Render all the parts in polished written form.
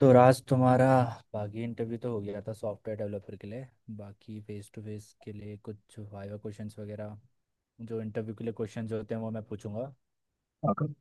तो राज तुम्हारा बाकी इंटरव्यू तो हो गया था सॉफ्टवेयर डेवलपर के लिए। बाकी फेस टू फेस के लिए कुछ वाइवा क्वेश्चंस वगैरह, जो इंटरव्यू के लिए क्वेश्चंस होते हैं वो मैं पूछूंगा। हाँ।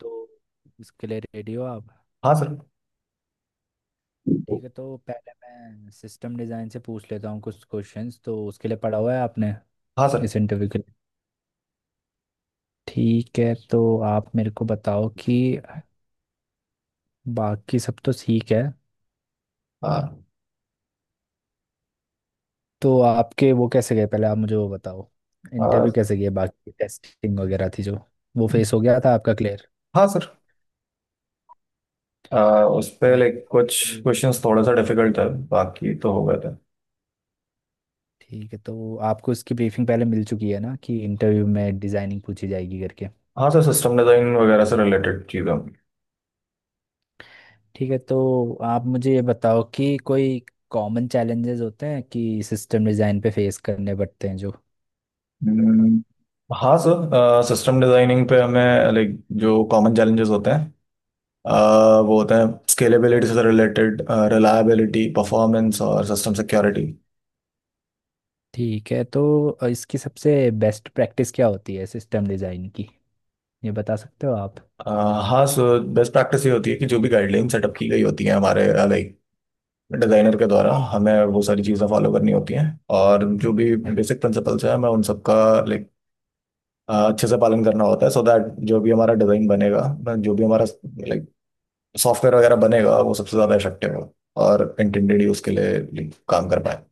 तो इसके लिए रेडी हो आप? हाँ सर। ठीक है, तो पहले मैं सिस्टम डिज़ाइन से पूछ लेता हूँ कुछ क्वेश्चंस, तो उसके लिए पढ़ा हुआ है आपने हाँ सर। इस इंटरव्यू के लिए? ठीक है, तो आप मेरे को बताओ कि बाकी सब तो ठीक है, हाँ। तो आपके वो कैसे गए, पहले आप मुझे वो बताओ। इंटरव्यू आ, कैसे गए, बाकी टेस्टिंग वगैरह थी जो, वो फेस हो गया था आपका क्लियर? हाँ सर। उस पे कुछ क्वेश्चंस थोड़ा सा डिफिकल्ट है, बाकी तो हो गए थे। ठीक है, तो आपको इसकी ब्रीफिंग पहले मिल चुकी है ना कि इंटरव्यू में डिजाइनिंग पूछी जाएगी करके। हाँ सर, सिस्टम डिजाइन वगैरह से रिलेटेड चीज़ें होंगी। ठीक है, तो आप मुझे ये बताओ कि कोई कॉमन चैलेंजेस होते हैं कि सिस्टम डिजाइन पे फेस करने पड़ते हैं जो? हम्म, हाँ सर, सिस्टम डिजाइनिंग पे हमें जो कॉमन चैलेंजेस होते हैं, वो होते हैं स्केलेबिलिटी से रिलेटेड, रिलायबिलिटी, परफॉर्मेंस और सिस्टम सिक्योरिटी। ठीक है, तो इसकी सबसे बेस्ट प्रैक्टिस क्या होती है सिस्टम डिजाइन की, ये बता सकते हो आप? हाँ सर, बेस्ट प्रैक्टिस ये होती है कि जो भी गाइडलाइन सेटअप की गई होती है हमारे डिजाइनर के द्वारा, हमें वो सारी चीज़ें फॉलो करनी होती हैं। और जो भी बेसिक प्रिंसिपल्स हैं, हमें उन सबका लाइक अच्छे से पालन करना होता है, सो दैट जो भी हमारा डिजाइन बनेगा, जो भी हमारा लाइक सॉफ्टवेयर वगैरह बनेगा, वो सबसे ज्यादा इफेक्टिव हो और इंटेंडेड यूज के लिए काम कर पाए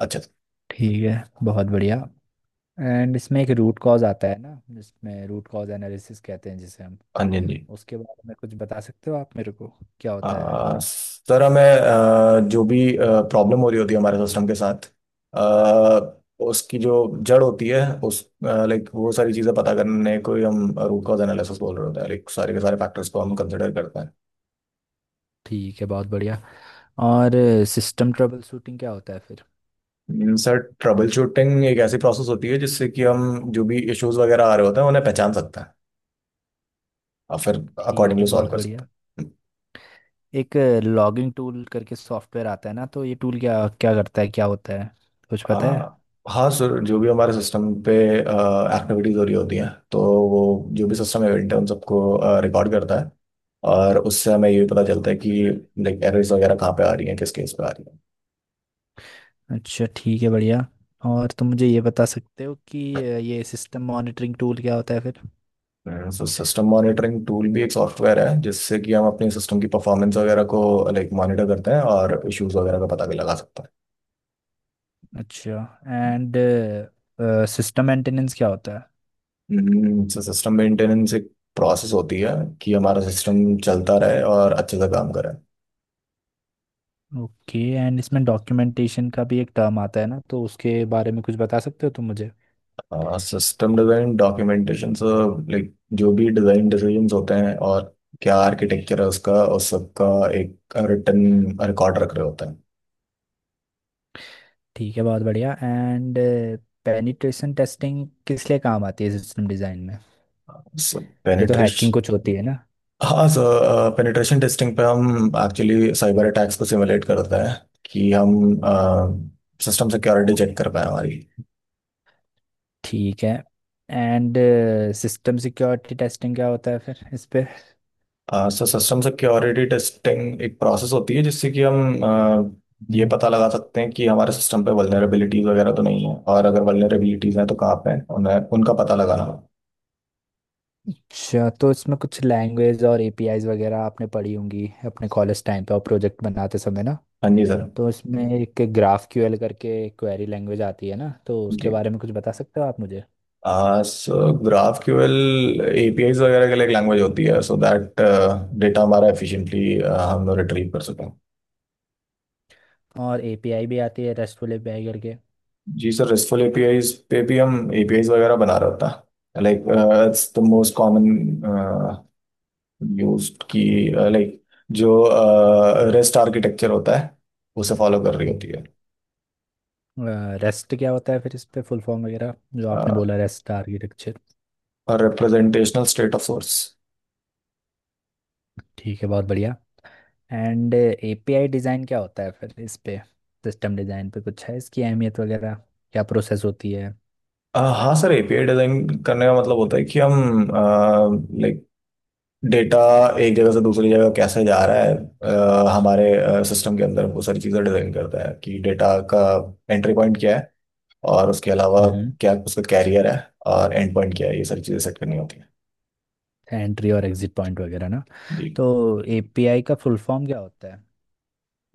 अच्छे से। ठीक है, बहुत बढ़िया। एंड इसमें एक रूट कॉज आता है ना, जिसमें रूट कॉज एनालिसिस कहते हैं जिसे हम, हाँ जी, हाँ जी। उसके बारे में कुछ बता सकते हो आप मेरे को, क्या होता है? सर, हमें जो भी प्रॉब्लम हो रही होती है हमारे सिस्टम के साथ, आ, उसकी जो जड़ होती है उस वो सारी चीज़ें पता करने को ही हम रूट कॉज एनालिसिस बोल रहे होते हैं। सारे के सारे फैक्टर्स को हम कंसिडर करते हैं। ठीक है, बहुत बढ़िया। और सिस्टम ट्रबल शूटिंग क्या होता है फिर? सर, ट्रबल शूटिंग एक ऐसी प्रोसेस होती है जिससे कि हम जो भी इश्यूज वगैरह आ रहे होते हैं उन्हें पहचान सकते हैं, और फिर ठीक अकॉर्डिंगली है, सॉल्व बहुत कर बढ़िया। सकते हैं। एक लॉगिंग टूल करके सॉफ्टवेयर आता है ना, तो ये टूल क्या क्या करता है, क्या होता है, कुछ पता है? आ, हाँ सर, जो भी हमारे सिस्टम पे एक्टिविटीज हो रही होती हैं तो वो जो भी सिस्टम इवेंट है उन सबको रिकॉर्ड करता है। और उससे हमें ये भी पता चलता है कि एरर्स वगैरह कहाँ पे आ रही हैं, किस केस पे आ रही अच्छा, ठीक है, बढ़िया। और तुम मुझे ये बता सकते हो कि ये सिस्टम मॉनिटरिंग टूल क्या होता है फिर? हैं। सो सिस्टम मॉनिटरिंग टूल भी एक सॉफ्टवेयर है जिससे कि हम अपने सिस्टम की परफॉर्मेंस वगैरह को मॉनिटर करते हैं और इश्यूज वगैरह का पता भी लगा सकते अच्छा, एंड सिस्टम मेंटेनेंस क्या होता है? हैं। सो सिस्टम मेंटेनेंस एक प्रोसेस होती है कि हमारा सिस्टम चलता रहे और अच्छे से काम करे। ओके, एंड इसमें डॉक्यूमेंटेशन का भी एक टर्म आता है ना, तो उसके बारे में कुछ बता सकते हो तुम मुझे? हाँ, सिस्टम डिजाइन डॉक्यूमेंटेशन सब जो भी डिजाइन डिसीजंस होते हैं और क्या आर्किटेक्चर है उसका, उस सब का एक रिटर्न रिकॉर्ड रख रहे होते हैं। ठीक है, बहुत बढ़िया। एंड पेनिट्रेशन टेस्टिंग किस लिए काम आती है सिस्टम डिज़ाइन में, सो ये तो पेनिट्रेश हैकिंग कुछ होती है ना? हाँ सर, पेनिट्रेशन टेस्टिंग पे हम एक्चुअली साइबर अटैक्स को सिमुलेट करते हैं कि हम सिस्टम सिक्योरिटी चेक कर पाए हमारी। ठीक है, एंड सिस्टम सिक्योरिटी टेस्टिंग क्या होता है फिर इस पे? सर, सिस्टम सिक्योरिटी टेस्टिंग एक प्रोसेस होती है जिससे कि हम ये पता लगा सकते हैं कि हमारे सिस्टम पे वल्नरेबिलिटीज वगैरह तो नहीं है, और अगर वल्नरेबिलिटीज हैं तो कहाँ पे हैं, उन्हें उनका पता लगाना। अच्छा, तो इसमें कुछ लैंग्वेज और एपीआईज वगैरह आपने पढ़ी होंगी अपने कॉलेज टाइम पे और प्रोजेक्ट बनाते समय ना। हाँ जी सर। तो इसमें एक ग्राफ क्यूएल करके क्वेरी लैंग्वेज आती है ना, तो उसके जी। बारे में कुछ बता सकते हो आप मुझे? सो ग्राफ क्यूएल एपीआईज वगैरह के लिए एक लैंग्वेज होती है, सो दैट डेटा हमारा एफिशिएंटली हम रिट्रीव कर सकें। और एपीआई भी आती है रेस्टफुल एपीआई करके। जी सर, RESTful APIs पे भी हम APIs वगैरह बना रहे होता है। It's the most common use की, लाइक जो रेस्ट आर्किटेक्चर होता है उसे फॉलो कर रही होती है। रेस्ट क्या होता है फिर इस पे, फुल फॉर्म वगैरह, जो आपने बोला रेस्ट आर्किटेक्चर? और रिप्रेजेंटेशनल स्टेट ऑफ सोर्स। ठीक है, बहुत बढ़िया। एंड एपीआई डिज़ाइन क्या होता है फिर इस पे, सिस्टम डिज़ाइन पे कुछ है इसकी अहमियत वगैरह, क्या प्रोसेस होती है? हाँ सर, एपीआई डिजाइन करने का मतलब होता है कि हम लाइक डेटा एक जगह से दूसरी जगह कैसे जा रहा है, हमारे सिस्टम के अंदर वो सारी चीज़ें डिजाइन करता है कि डेटा का एंट्री पॉइंट क्या है, और उसके अलावा हम्म। क्या उसका कैरियर है, और एंड पॉइंट क्या है, ये सारी चीज़ें सेट करनी होती है। एंट्री और एग्जिट पॉइंट वगैरह ना। जी। तो एपीआई का फुल फॉर्म क्या होता है?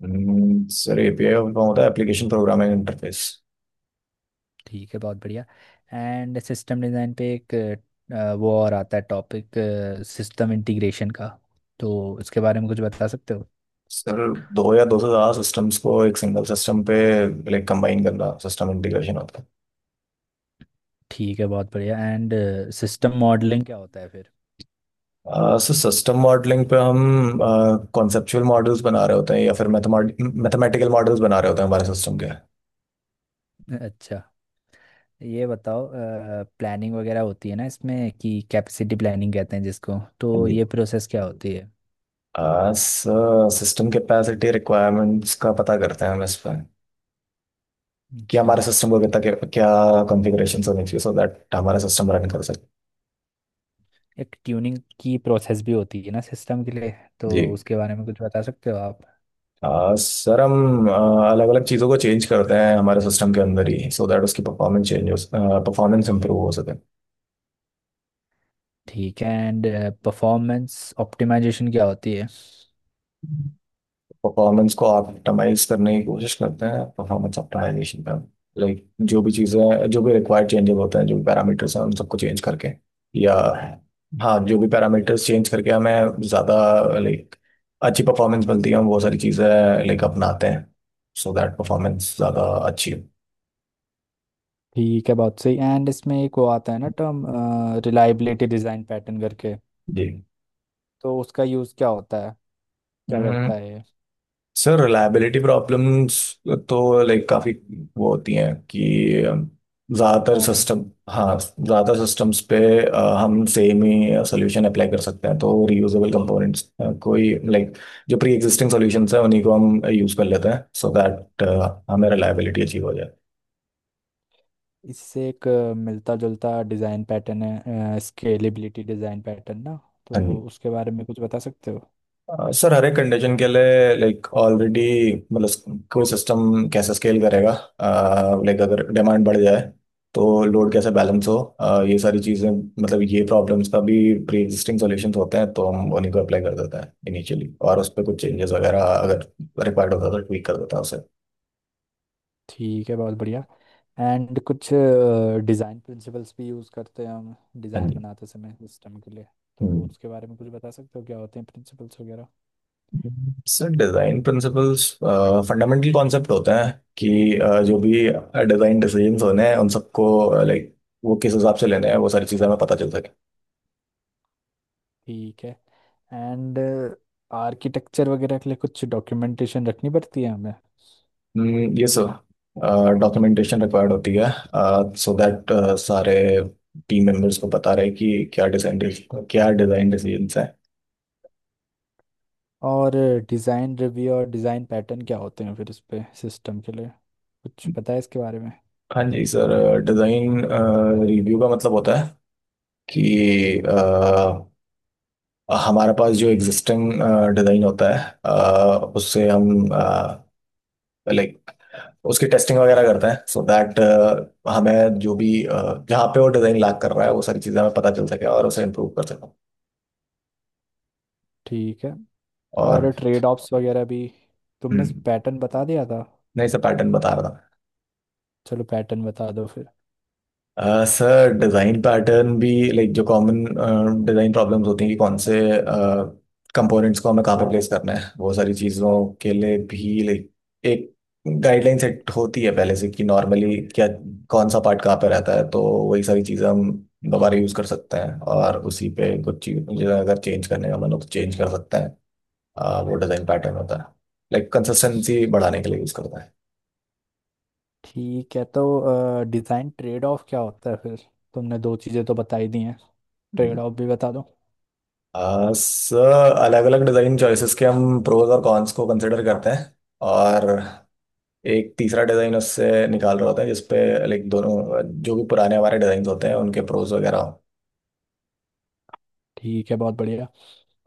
सर, एपीआई का होता है एप्लीकेशन प्रोग्रामिंग इंटरफेस। ठीक है, बहुत बढ़िया। एंड सिस्टम डिज़ाइन पे एक वो और आता है टॉपिक, सिस्टम इंटीग्रेशन का, तो इसके बारे में कुछ बता सकते हो? सर, दो या दो से ज़्यादा सिस्टम्स को एक सिंगल सिस्टम पे कंबाइन करना सिस्टम इंटीग्रेशन होता है। ठीक है, बहुत बढ़िया। एंड सिस्टम मॉडलिंग क्या होता है फिर? सर, सिस्टम मॉडलिंग पे हम कॉन्सेप्चुअल मॉडल्स बना रहे होते हैं, या फिर मैथमेटिकल मॉडल्स बना रहे होते हैं हमारे सिस्टम के। हाँ। अच्छा, ये बताओ, प्लानिंग वगैरह होती है ना इसमें कि कैपेसिटी प्लानिंग कहते हैं जिसको, तो जी। ये प्रोसेस क्या होती है? सर, सिस्टम कैपेसिटी रिक्वायरमेंट्स का पता करते हैं हम इस पर कि अच्छा, हमारे सिस्टम को कितना, क्या कॉन्फ़िगरेशन होनी चाहिए सो दैट हमारा सिस्टम रन कर सके। एक ट्यूनिंग की प्रोसेस भी होती है ना सिस्टम के लिए, तो जी। उसके बारे में कुछ बता सकते हो आप? सर, हम अलग अलग चीज़ों को चेंज करते हैं हमारे सिस्टम के अंदर ही, सो दैट उसकी परफॉर्मेंस चेंज हो, परफॉर्मेंस इंप्रूव हो सके। ठीक है, एंड परफॉर्मेंस ऑप्टिमाइजेशन क्या होती है? परफॉर्मेंस को ऑप्टिमाइज करने की कोशिश करते हैं परफॉर्मेंस ऑप्टिमाइजेशन पे। जो भी चीज़ें, जो भी रिक्वायर्ड चेंजेस होते हैं, जो भी पैरामीटर्स हैं, उन सबको चेंज करके, या हाँ जो भी पैरामीटर्स चेंज करके हमें ज़्यादा लाइक अच्छी परफॉर्मेंस मिलती है, हम वो सारी चीज़ें अपनाते हैं, सो दैट परफॉर्मेंस ज़्यादा अच्छी हो। ठीक है, बहुत सही। एंड इसमें एक वो आता है ना टर्म, रिलायबिलिटी डिज़ाइन पैटर्न करके, जी तो उसका यूज़ क्या होता है, क्या करता है ये? सर, रिलायबिलिटी प्रॉब्लम्स तो काफ़ी वो होती हैं कि ज़्यादातर कॉमन। सिस्टम, हाँ, ज़्यादातर सिस्टम्स पे हम सेम ही सोल्यूशन अप्लाई कर सकते हैं, तो रीयूजेबल कंपोनेंट्स, कोई जो प्री एग्जिस्टिंग सोल्यूशंस हैं उन्हीं को हम यूज़ कर लेते हैं, सो दैट हमें रिलायबिलिटी अचीव हो जाए। इससे एक मिलता जुलता डिज़ाइन पैटर्न है, स्केलेबिलिटी डिज़ाइन पैटर्न ना, हाँ तो जी। उसके बारे में कुछ बता सकते हो? सर, हर एक कंडीशन के लिए ऑलरेडी, मतलब कोई सिस्टम कैसे स्केल करेगा, अगर डिमांड बढ़ जाए तो लोड कैसे बैलेंस हो, ये सारी चीज़ें, मतलब ये प्रॉब्लम्स का भी प्री एग्जिस्टिंग सॉल्यूशंस होते हैं, तो हम उन्हीं को अप्लाई कर देते हैं इनिशियली, और उस पर कुछ चेंजेस वगैरह अगर रिक्वायर्ड होता है तो ट्वीक कर देता है उसे। ठीक है, बहुत बढ़िया। एंड कुछ डिज़ाइन प्रिंसिपल्स भी यूज़ करते हैं हम हाँ डिज़ाइन जी। बनाते समय सिस्टम के लिए, तो हम्म। उसके बारे में कुछ बता सकते हो, क्या होते हैं प्रिंसिपल्स वगैरह? Sir, design principles fundamental concept होते हैं कि जो भी डिज़ाइन डिसीजंस होने हैं, उन सबको लाइक वो किस हिसाब से लेने हैं, वो सारी चीज़ें हमें पता चल सके। ठीक है, एंड आर्किटेक्चर वगैरह के लिए कुछ डॉक्यूमेंटेशन रखनी पड़ती है हमें। ये सर, डॉक्यूमेंटेशन रिक्वायर्ड होती है सो दैट सारे टीम मेंबर्स को पता रहे कि क्या डिज़ाइन डिसीजंस हैं। और डिज़ाइन रिव्यू और डिज़ाइन पैटर्न क्या होते हैं फिर इस पे सिस्टम के लिए, कुछ पता है इसके बारे में? हाँ जी सर, डिज़ाइन रिव्यू का मतलब होता है कि अ, हमारे पास जो एग्जिस्टिंग डिज़ाइन होता है, उससे हम लाइक उसकी टेस्टिंग वगैरह करते हैं, सो दैट हमें जो भी जहाँ पे वो डिजाइन लाग कर रहा है वो सारी चीजें हमें पता चल सके और उसे इम्प्रूव कर सके। ठीक है। और और। ट्रेड ऑफ्स वगैरह भी, तुमने हम्म, पैटर्न बता दिया था? नहीं सर, पैटर्न बता रहा था। चलो, पैटर्न बता दो फिर। सर, डिज़ाइन पैटर्न भी जो कॉमन डिज़ाइन प्रॉब्लम्स होती हैं कि कौन से कंपोनेंट्स को हमें कहाँ पर प्लेस करना है, वो सारी चीज़ों के लिए भी एक गाइडलाइन सेट होती है पहले से कि नॉर्मली क्या, कौन सा पार्ट कहाँ पर रहता है। तो वही सारी चीज़ें हम दोबारा यूज़ कर सकते हैं, और उसी पे कुछ चीज़ें अगर चेंज करने का मन हो तो चेंज कर सकते हैं। वो डिज़ाइन पैटर्न होता है, कंसिस्टेंसी बढ़ाने के लिए यूज़ करता ठीक है, तो डिज़ाइन ट्रेड ऑफ क्या होता है फिर? तुमने दो चीज़ें तो बता ही दी हैं, है। ट्रेड ऑफ भी बता दो। सर, अलग अलग डिज़ाइन चॉइसेस के हम प्रोज और कॉन्स को कंसिडर करते हैं, और एक तीसरा डिज़ाइन उससे निकाल रहा होता है जिसपे दोनों जो भी पुराने हमारे डिज़ाइन होते हैं, उनके प्रोज वगैरह हो। ठीक है, बहुत बढ़िया।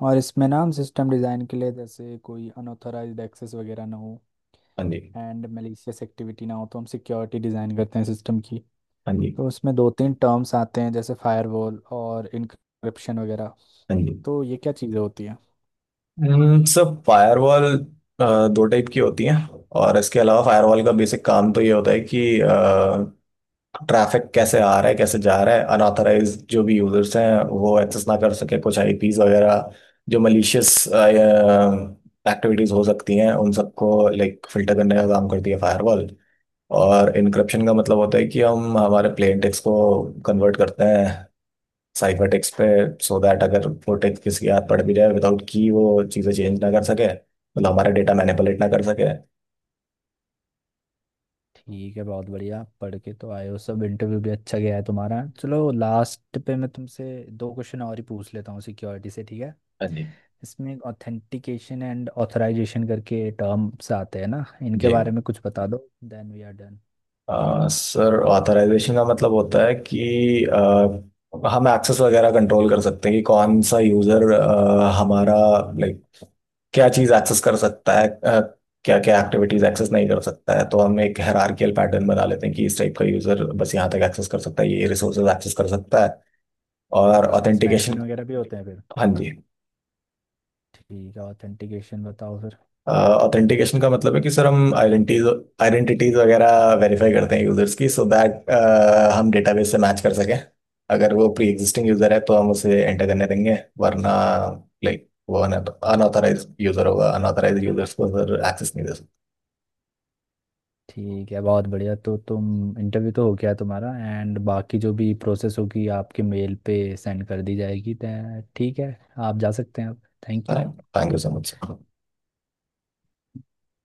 और इसमें ना, हम सिस्टम डिज़ाइन के लिए जैसे कोई अनऑथराइज्ड एक्सेस वगैरह ना हो, हाँ जी, एंड मैलिशियस एक्टिविटी ना हो, तो हम सिक्योरिटी डिज़ाइन करते हैं सिस्टम की। हाँ जी, तो उसमें दो तीन टर्म्स आते हैं जैसे फायरवॉल और इनक्रिप्शन वगैरह, हाँ जी। तो ये क्या चीज़ें होती हैं? सर, फायरवॉल दो टाइप की होती है, और इसके अलावा फायरवॉल का बेसिक काम तो ये होता है कि ट्रैफिक कैसे आ रहा है, कैसे जा रहा है, अनऑथराइज जो भी यूजर्स हैं वो एक्सेस ना कर सके, कुछ आईपीज वगैरह, जो मलिशियस एक्टिविटीज हो सकती हैं, उन सबको फिल्टर करने का काम करती है फायरवॉल। और इनक्रप्शन का मतलब होता है कि हम हमारे प्लेन टेक्स्ट को कन्वर्ट करते हैं साइफर टेक्स्ट पे, सो दैट अगर वो टेक्स्ट किसी के हाथ पड़ भी जाए, विदाउट की वो चीज़ें चेंज ना कर सके, मतलब हमारा डेटा मैनिपुलेट ना कर सके। ठीक है, बहुत बढ़िया। पढ़ के तो आए हो सब, इंटरव्यू भी अच्छा गया है तुम्हारा। चलो, लास्ट पे मैं तुमसे दो क्वेश्चन और ही पूछ लेता हूँ सिक्योरिटी से, ठीक है? हाँ जी। इसमें एक ऑथेंटिकेशन एंड ऑथराइजेशन करके टर्म्स आते हैं ना, इनके जी। बारे में कुछ बता दो, then we are done. Sir, authorization का मतलब होता है कि हम एक्सेस वगैरह कंट्रोल कर सकते हैं कि कौन सा यूजर हमारा लाइक क्या चीज एक्सेस कर सकता है, क्या क्या एक्टिविटीज एक्सेस नहीं कर सकता है। तो हम एक हायरार्कियल पैटर्न बना लेते हैं कि इस टाइप का यूजर बस यहाँ तक एक्सेस कर सकता है, ये रिसोर्सेज एक्सेस कर सकता है। और अच्छा, इसमें एडमिन ऑथेंटिकेशन। वगैरह भी होते हैं फिर? हाँ जी। ठीक है, ऑथेंटिकेशन बताओ फिर। ऑथेंटिकेशन का मतलब है कि सर हम आइडेंटिटीज आइडेंटिटीज वगैरह वेरीफाई करते हैं यूजर्स की, सो दैट हम डेटाबेस से मैच कर सकें। अगर वो प्री एग्जिस्टिंग यूजर है तो हम उसे एंटर करने देंगे, वरना वो अनऑथराइज यूजर होगा। अनऑथराइज यूजर्स को सर एक्सेस नहीं दे सकते। ठीक है, बहुत बढ़िया। तो तुम इंटरव्यू तो हो गया तुम्हारा, एंड बाकी जो भी प्रोसेस होगी आपके मेल पे सेंड कर दी जाएगी ठीक है? आप जा सकते हैं अब। Thank you. Thank you so much sir.